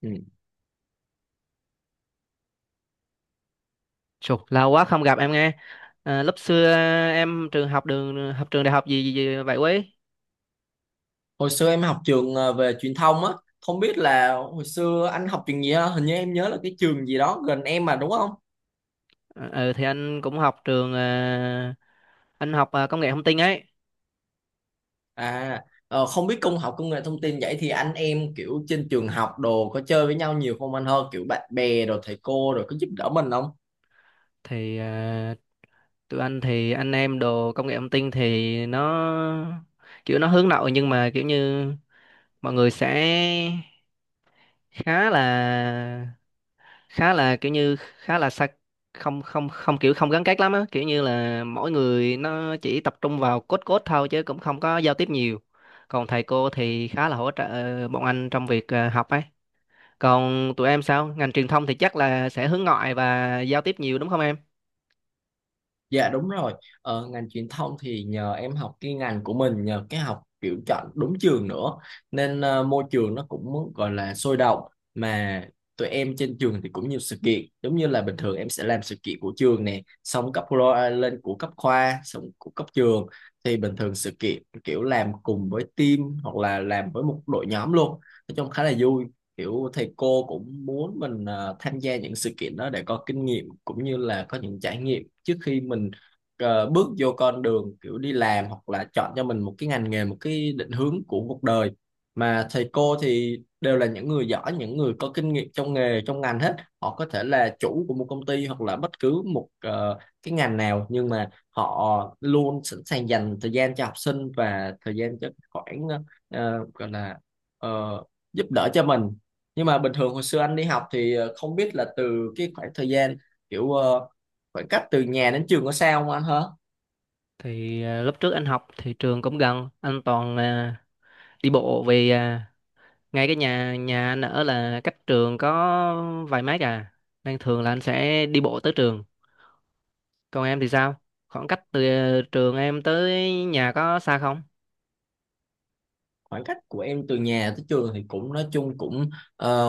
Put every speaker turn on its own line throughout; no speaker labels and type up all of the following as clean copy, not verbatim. Ừ.
Chục, lâu quá không gặp em nghe. À, lúc xưa em trường học đường học trường đại học gì vậy quý?
Hồi xưa em học trường về truyền thông á, không biết là hồi xưa anh học trường gì ha, hình như em nhớ là cái trường gì đó gần em mà, đúng không?
Ờ, Ừ thì anh cũng học trường anh học công nghệ thông tin ấy.
À, không biết học công nghệ thông tin vậy thì anh em kiểu trên trường học đồ có chơi với nhau nhiều không anh hơn, kiểu bạn bè rồi thầy cô rồi có giúp đỡ mình không?
Thì à, Tụi anh thì anh em đồ công nghệ thông tin thì nó kiểu nó hướng nội nhưng mà kiểu như mọi người sẽ khá là khá là xa. Không không không kiểu không gắn kết lắm á, kiểu như là mỗi người nó chỉ tập trung vào code code thôi chứ cũng không có giao tiếp nhiều. Còn thầy cô thì khá là hỗ trợ bọn anh trong việc học ấy. Còn tụi em sao, ngành truyền thông thì chắc là sẽ hướng ngoại và giao tiếp nhiều đúng không em?
Dạ đúng rồi, ngành truyền thông thì nhờ em học cái ngành của mình, nhờ cái học kiểu chọn đúng trường nữa, nên môi trường nó cũng gọi là sôi động, mà tụi em trên trường thì cũng nhiều sự kiện, giống như là bình thường em sẽ làm sự kiện của trường nè, xong lên của cấp khoa, xong của cấp trường, thì bình thường sự kiện kiểu làm cùng với team hoặc là làm với một đội nhóm luôn, nói chung khá là vui, kiểu thầy cô cũng muốn mình tham gia những sự kiện đó để có kinh nghiệm cũng như là có những trải nghiệm trước khi mình bước vô con đường kiểu đi làm hoặc là chọn cho mình một cái ngành nghề, một cái định hướng của cuộc đời. Mà thầy cô thì đều là những người giỏi, những người có kinh nghiệm trong nghề trong ngành hết, họ có thể là chủ của một công ty hoặc là bất cứ một cái ngành nào, nhưng mà họ luôn sẵn sàng dành thời gian cho học sinh và thời gian cho khoảng ờ, gọi là ờ, giúp đỡ cho mình. Nhưng mà bình thường hồi xưa anh đi học thì không biết là từ cái khoảng thời gian kiểu khoảng cách từ nhà đến trường có xa không anh hả?
Lúc trước anh học thì trường cũng gần, anh toàn đi bộ vì ngay cái nhà nhà anh ở là cách trường có vài mét à, nên thường là anh sẽ đi bộ tới trường. Còn em thì sao? Khoảng cách từ trường em tới nhà có xa không?
Khoảng cách của em từ nhà tới trường thì cũng nói chung cũng ờ,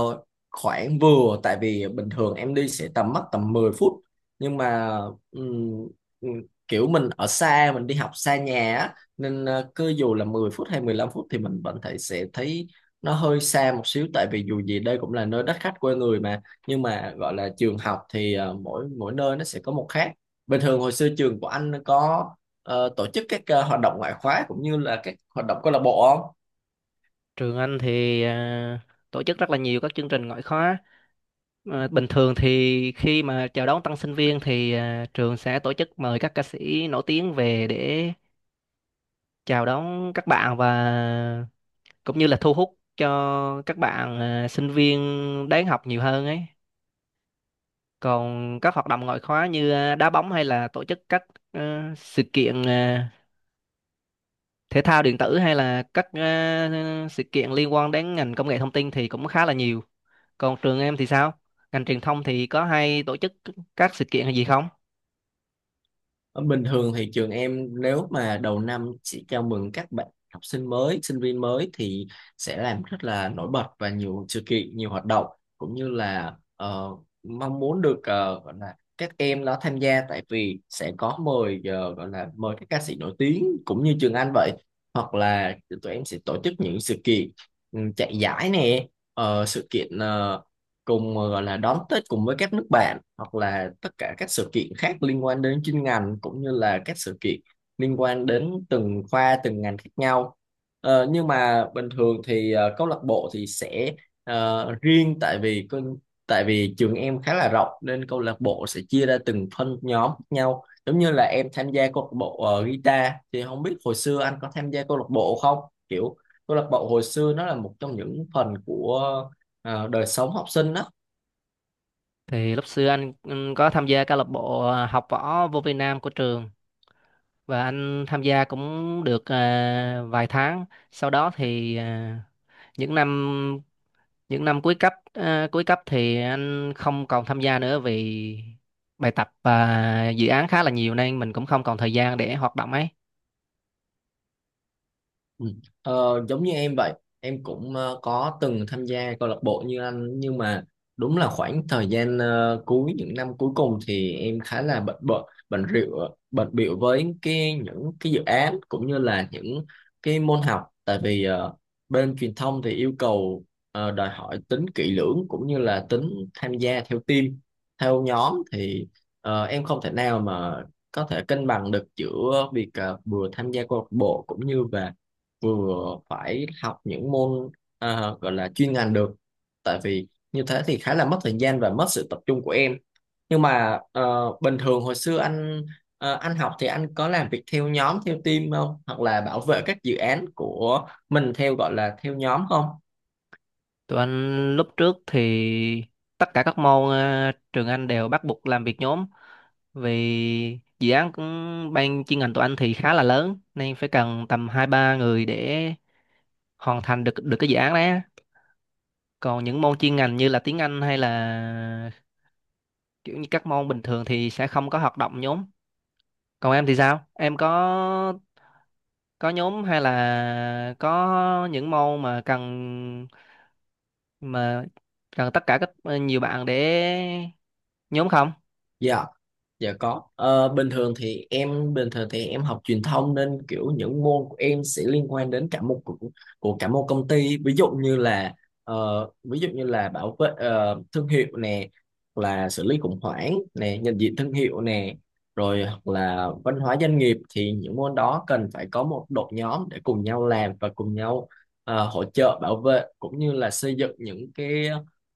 khoảng vừa, tại vì bình thường em đi sẽ tầm mất tầm 10 phút, nhưng mà ừm, ừm, kiểu mình ở xa, mình đi học xa nhà á, nên cứ dù là 10 phút hay 15 phút thì mình vẫn thấy, sẽ thấy nó hơi xa một xíu, tại vì dù gì đây cũng là nơi đất khách quê người mà. Nhưng mà gọi là trường học thì mỗi mỗi nơi nó sẽ có một khác. Bình thường hồi xưa trường của anh có tổ chức các hoạt động ngoại khóa cũng như là các hoạt động câu lạc bộ không?
Trường anh thì tổ chức rất là nhiều các chương trình ngoại khóa. Ờ, bình thường thì khi mà chào đón tân sinh viên thì trường sẽ tổ chức mời các ca sĩ nổi tiếng về để chào đón các bạn và cũng như là thu hút cho các bạn sinh viên đến học nhiều hơn ấy. Còn các hoạt động ngoại khóa như đá bóng hay là tổ chức các ờ, sự kiện thể thao điện tử hay là các sự kiện liên quan đến ngành công nghệ thông tin thì cũng khá là nhiều. Còn trường em thì sao? Ngành truyền thông thì có hay tổ chức các sự kiện hay gì không?
Ờ, Bình thường thì trường em nếu mà đầu năm chỉ chào mừng các bạn học sinh mới, sinh viên mới thì sẽ làm rất là nổi bật và nhiều sự kiện, nhiều hoạt động, cũng như là mong muốn được gọi là các em nó tham gia, tại vì sẽ có mời gọi là mời các ca sĩ nổi tiếng cũng như Trường Anh vậy, hoặc là tụi em sẽ tổ chức những sự kiện chạy giải nè, sự kiện cùng gọi là đón Tết cùng với các nước bạn, hoặc là tất cả các sự kiện khác liên quan đến chuyên ngành, cũng như là các sự kiện liên quan đến từng khoa từng ngành khác nhau. Nhưng mà bình thường thì câu lạc bộ thì sẽ riêng, tại vì tại vì trường em khá là rộng nên câu lạc bộ sẽ chia ra từng phân nhóm khác nhau, giống như là em tham gia câu lạc bộ guitar. Thì không biết hồi xưa anh có tham gia câu lạc bộ không, kiểu câu lạc bộ hồi xưa nó là một trong những phần của đời sống học sinh á.
Thì lúc xưa anh có tham gia câu lạc bộ học võ vô Việt Nam của trường và anh tham gia cũng được vài tháng. Sau đó thì những năm những năm cuối cấp cuối cấp thì anh không còn tham gia nữa vì bài tập và dự án khá là nhiều nên mình cũng không còn thời gian để hoạt động ấy.
Ừ. Giống như em vậy, em cũng có từng tham gia câu lạc bộ như anh, nhưng mà đúng là khoảng thời gian cuối những năm cuối cùng thì em khá là bận bận bận rượu bận bịu với cái những cái dự án cũng như là những cái môn học, tại vì bên truyền thông thì yêu cầu đòi hỏi tính kỹ lưỡng cũng như là tính tham gia theo team theo nhóm, thì em không thể nào mà có thể cân bằng được giữa việc vừa tham gia câu lạc bộ cũng như về vừa phải học những môn gọi là chuyên ngành được, tại vì như thế thì khá là mất thời gian và mất sự tập trung của em. Nhưng mà bình thường hồi xưa anh học thì anh có làm việc theo nhóm theo team không, hoặc là bảo vệ các dự án của mình theo gọi là theo nhóm không?
Tụi anh lúc trước thì tất cả các môn trường anh đều bắt buộc làm việc nhóm, vì dự án cũng ban chuyên ngành tụi anh thì khá là lớn nên phải cần tầm hai ba người để hoàn thành được được cái dự án đấy á. Còn những môn chuyên ngành như là tiếng Anh hay là kiểu như các môn bình thường thì sẽ không có hoạt động nhóm. Còn em thì sao? Em có nhóm hay là có những môn mà mà cần tất cả các nhiều bạn để nhóm không?
Dạ, dạ có. Ờ, bình thường thì em học truyền thông nên kiểu những môn của em sẽ liên quan đến cả một của cả một công ty. Ví dụ như là bảo vệ thương hiệu nè, hoặc là xử lý khủng hoảng nè, nhận diện thương hiệu nè, rồi hoặc là văn hóa doanh nghiệp, thì những môn đó cần phải có một đội nhóm để cùng nhau làm và cùng nhau hỗ trợ bảo vệ cũng như là xây dựng những cái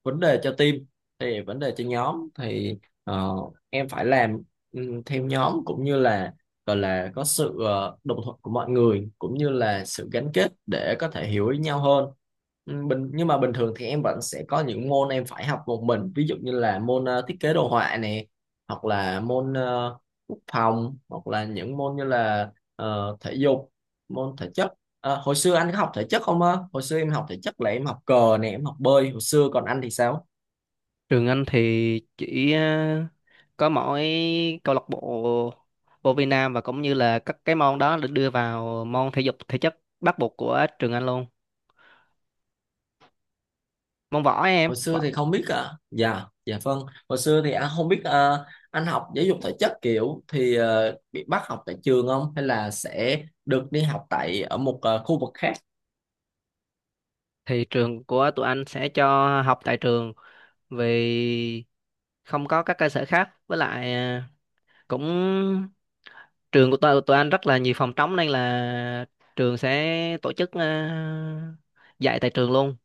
vấn đề cho team, thì vấn đề cho nhóm thì ờ, em phải làm theo nhóm, cũng như là gọi là có sự đồng thuận của mọi người, cũng như là sự gắn kết để có thể hiểu ý nhau hơn. Nhưng mà bình thường thì em vẫn sẽ có những môn em phải học một mình, ví dụ như là môn thiết kế đồ họa này, hoặc là môn quốc phòng, hoặc là những môn như là thể dục, môn thể chất. Hồi xưa anh có học thể chất không á? Hồi xưa em học thể chất là em học cờ nè, em học bơi hồi xưa, còn anh thì sao?
Trường anh thì chỉ có mỗi câu lạc bộ vô vi nam, và cũng như là các cái môn đó được đưa vào môn thể dục thể chất bắt buộc của trường anh luôn, môn võ ấy, em
Hồi xưa
võ.
thì không biết à Dạ, dạ, vâng. Hồi xưa thì anh không biết à, anh học giáo dục thể chất kiểu thì bị bắt học tại trường không, hay là sẽ được đi học tại ở một khu vực khác?
Thì trường của tụi anh sẽ cho học tại trường vì không có các cơ sở khác, với lại cũng trường của tụi anh rất là nhiều phòng trống nên là trường sẽ tổ chức dạy tại trường luôn.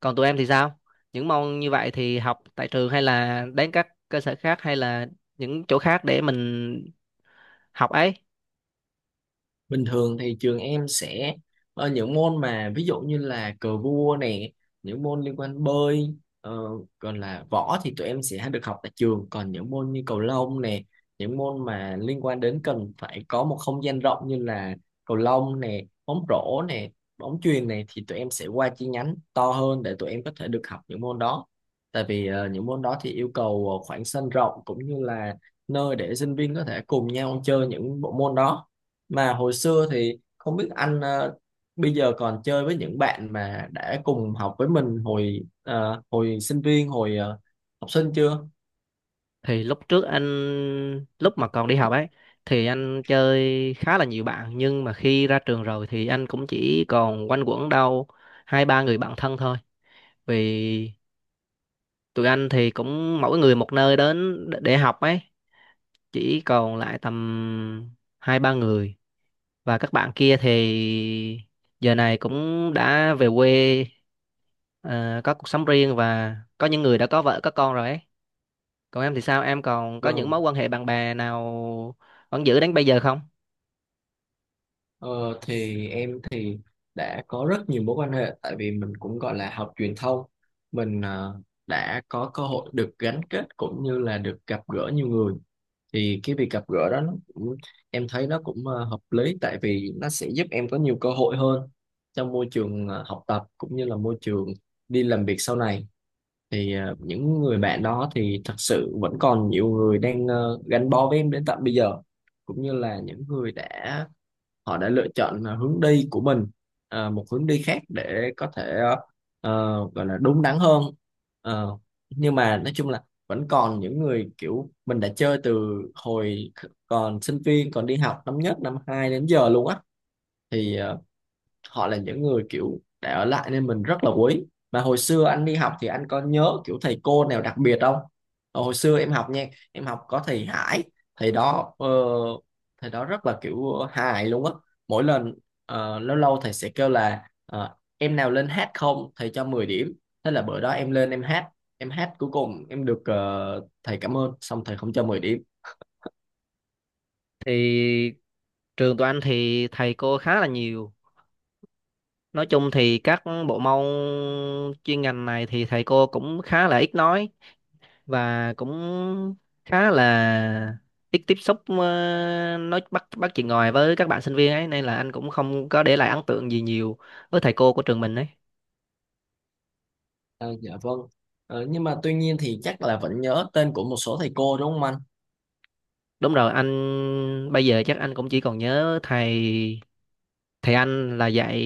Còn tụi em thì sao, những môn như vậy thì học tại trường hay là đến các cơ sở khác hay là những chỗ khác để mình học ấy?
Bình thường thì trường em sẽ những môn mà ví dụ như là cờ vua nè, những môn liên quan bơi, ờ, còn là võ thì tụi em sẽ được học tại trường, còn những môn như cầu lông nè, những môn mà liên quan đến cần phải có một không gian rộng như là cầu lông nè, bóng rổ nè, bóng chuyền này thì tụi em sẽ qua chi nhánh to hơn để tụi em có thể được học những môn đó. Tại vì những môn đó thì yêu cầu khoảng sân rộng, cũng như là nơi để sinh viên có thể cùng nhau chơi những bộ môn đó. Mà hồi xưa thì không biết anh bây giờ còn chơi với những bạn mà đã cùng học với mình hồi hồi sinh viên, hồi học sinh chưa?
Thì lúc trước anh, lúc mà còn đi học ấy, thì anh chơi khá là nhiều bạn, nhưng mà khi ra trường rồi thì anh cũng chỉ còn quanh quẩn đâu hai ba người bạn thân thôi, vì tụi anh thì cũng mỗi người một nơi đến để học ấy. Chỉ còn lại tầm hai ba người, và các bạn kia thì giờ này cũng đã về quê, có cuộc sống riêng và có những người đã có vợ có con rồi ấy. Còn em thì sao? Em còn có những
Vâng.
mối quan hệ bạn bè nào vẫn giữ đến bây giờ không?
Ờ, thì em thì đã có rất nhiều mối quan hệ, tại vì mình cũng gọi là học truyền thông, mình đã có cơ hội được gắn kết cũng như là được gặp gỡ nhiều người, thì cái việc gặp gỡ đó nó cũng, em thấy nó cũng hợp lý, tại vì nó sẽ giúp em có nhiều cơ hội hơn trong môi trường học tập cũng như là môi trường đi làm việc sau này, thì những người bạn đó thì thật sự vẫn còn nhiều người đang gắn bó với em đến tận bây giờ, cũng như là những người đã họ đã lựa chọn hướng đi của mình, một hướng đi khác để có thể gọi là đúng đắn hơn. Ờ, nhưng mà nói chung là vẫn còn những người kiểu mình đã chơi từ hồi còn sinh viên, còn đi học năm nhất năm hai đến giờ luôn á, thì họ là những người kiểu để ở lại nên mình rất là quý. Mà hồi xưa anh đi học thì anh có nhớ kiểu thầy cô nào đặc biệt không? Hồi xưa em học nha em học có thầy Hải. thầy đó ờ, Thầy đó rất là kiểu hài luôn á. Mỗi lần lâu lâu thầy sẽ kêu là em nào lên hát không thầy cho 10 điểm, thế là bữa đó em lên em hát, cuối cùng em được thầy cảm ơn xong thầy không cho 10 điểm.
Thì trường tụi anh thì thầy cô khá là nhiều. Nói chung thì các bộ môn chuyên ngành này thì thầy cô cũng khá là ít nói, và cũng khá là ít tiếp xúc, nói bắt bắt chuyện ngoài với các bạn sinh viên ấy, nên là anh cũng không có để lại ấn tượng gì nhiều với thầy cô của trường mình ấy.
Ờ, dạ vâng. Nhưng mà tuy nhiên thì chắc là vẫn nhớ tên của một số thầy cô đúng không anh?
Đúng rồi, anh bây giờ chắc anh cũng chỉ còn nhớ thầy, thầy là dạy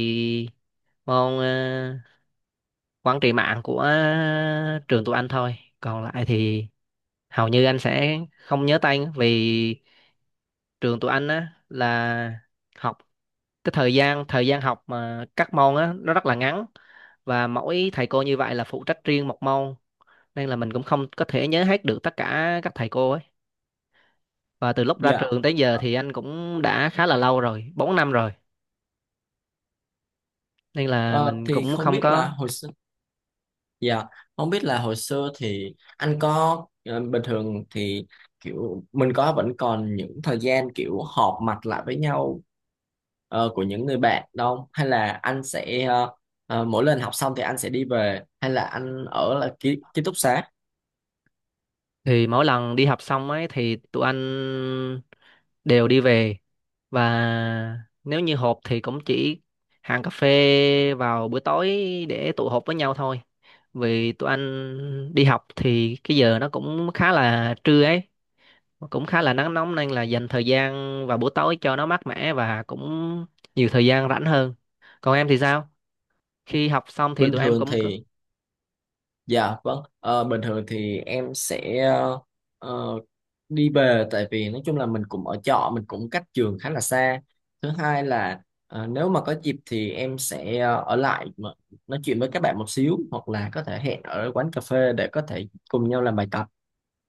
môn quản trị mạng của trường tụi anh thôi. Còn lại thì hầu như anh sẽ không nhớ tên, vì trường tụi anh á là học cái thời gian học mà các môn á nó rất là ngắn, và mỗi thầy cô như vậy là phụ trách riêng một môn, nên là mình cũng không có thể nhớ hết được tất cả các thầy cô ấy. Và từ lúc ra
Dạ.
trường tới giờ thì anh cũng đã khá là lâu rồi, 4 năm rồi, nên là
Ờ,
mình
thì
cũng
không
không
biết là
có.
hồi xưa, dạ, không biết là hồi xưa thì anh có bình thường thì kiểu mình có vẫn còn những thời gian kiểu họp mặt lại với nhau của những người bạn đâu, hay là anh sẽ mỗi lần học xong thì anh sẽ đi về, hay là anh ở là ký túc xá?
Thì mỗi lần đi học xong ấy thì tụi anh đều đi về, và nếu như họp thì cũng chỉ hàng cà phê vào buổi tối để tụ họp với nhau thôi, vì tụi anh đi học thì cái giờ nó cũng khá là trưa ấy, mà cũng khá là nắng nóng, nên là dành thời gian vào buổi tối cho nó mát mẻ và cũng nhiều thời gian rảnh hơn. Còn em thì sao, khi học xong thì
Bình
tụi em
thường
cũng cứ?
thì Dạ vâng, bình thường thì em sẽ ờ, đi về, tại vì nói chung là mình cũng ở trọ, mình cũng cách trường khá là xa. Thứ hai là nếu mà có dịp thì em sẽ ở lại mà nói chuyện với các bạn một xíu, hoặc là có thể hẹn ở quán cà phê để có thể cùng nhau làm bài tập.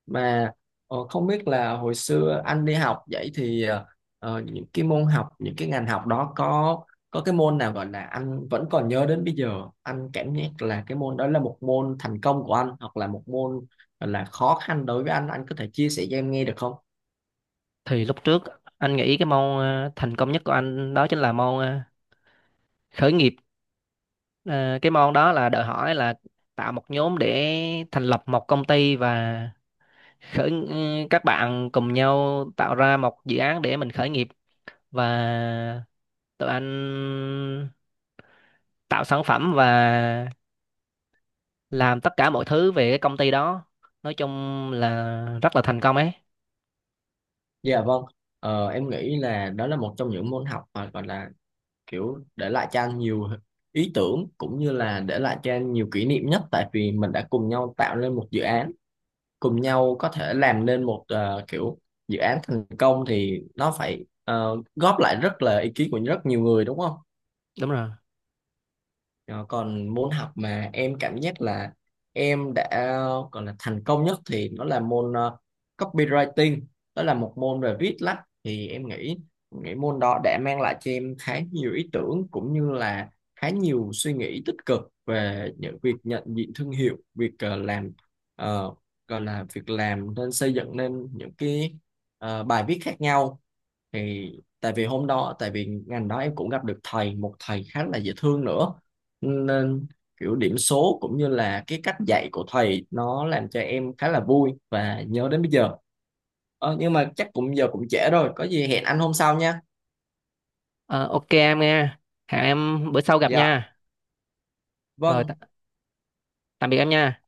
Mà không biết là hồi xưa anh đi học vậy thì những cái môn học, những cái ngành học đó có cái môn nào gọi là anh vẫn còn nhớ đến bây giờ, anh cảm giác là cái môn đó là một môn thành công của anh, hoặc là một môn gọi là khó khăn đối với anh có thể chia sẻ cho em nghe được không?
Thì lúc trước anh nghĩ cái môn thành công nhất của anh đó chính là môn khởi nghiệp. Ờ, cái môn đó là đòi hỏi là tạo một nhóm để thành lập một công ty, và khởi các bạn cùng nhau tạo ra một dự án để mình khởi nghiệp. Và tụi anh tạo sản phẩm và làm tất cả mọi thứ về cái công ty đó, nói chung là rất là thành công ấy.
Dạ vâng. Em nghĩ là đó là một trong những môn học mà gọi là kiểu để lại cho anh nhiều ý tưởng, cũng như là để lại cho anh nhiều kỷ niệm nhất, tại vì mình đã cùng nhau tạo nên một dự án, cùng nhau có thể làm nên một kiểu dự án thành công thì nó phải góp lại rất là ý kiến của rất nhiều người, đúng không?
Đúng rồi.
Ờ, còn môn học mà em cảm giác là em đã còn là thành công nhất thì nó là môn copywriting, đó là một môn về viết lách, thì em nghĩ nghĩ môn đó đã mang lại cho em khá nhiều ý tưởng, cũng như là khá nhiều suy nghĩ tích cực về những việc nhận diện thương hiệu, việc làm ờ, gọi là việc làm nên xây dựng nên những cái bài viết khác nhau, thì tại vì ngành đó em cũng gặp được một thầy khá là dễ thương nữa, nên kiểu điểm số cũng như là cái cách dạy của thầy nó làm cho em khá là vui và nhớ đến bây giờ. Nhưng mà chắc cũng giờ cũng trễ rồi, có gì hẹn anh hôm sau nha.
Ờ, ok em nghe, hẹn em bữa sau gặp
Dạ
nha. Rồi,
vâng.
tạm biệt em nha.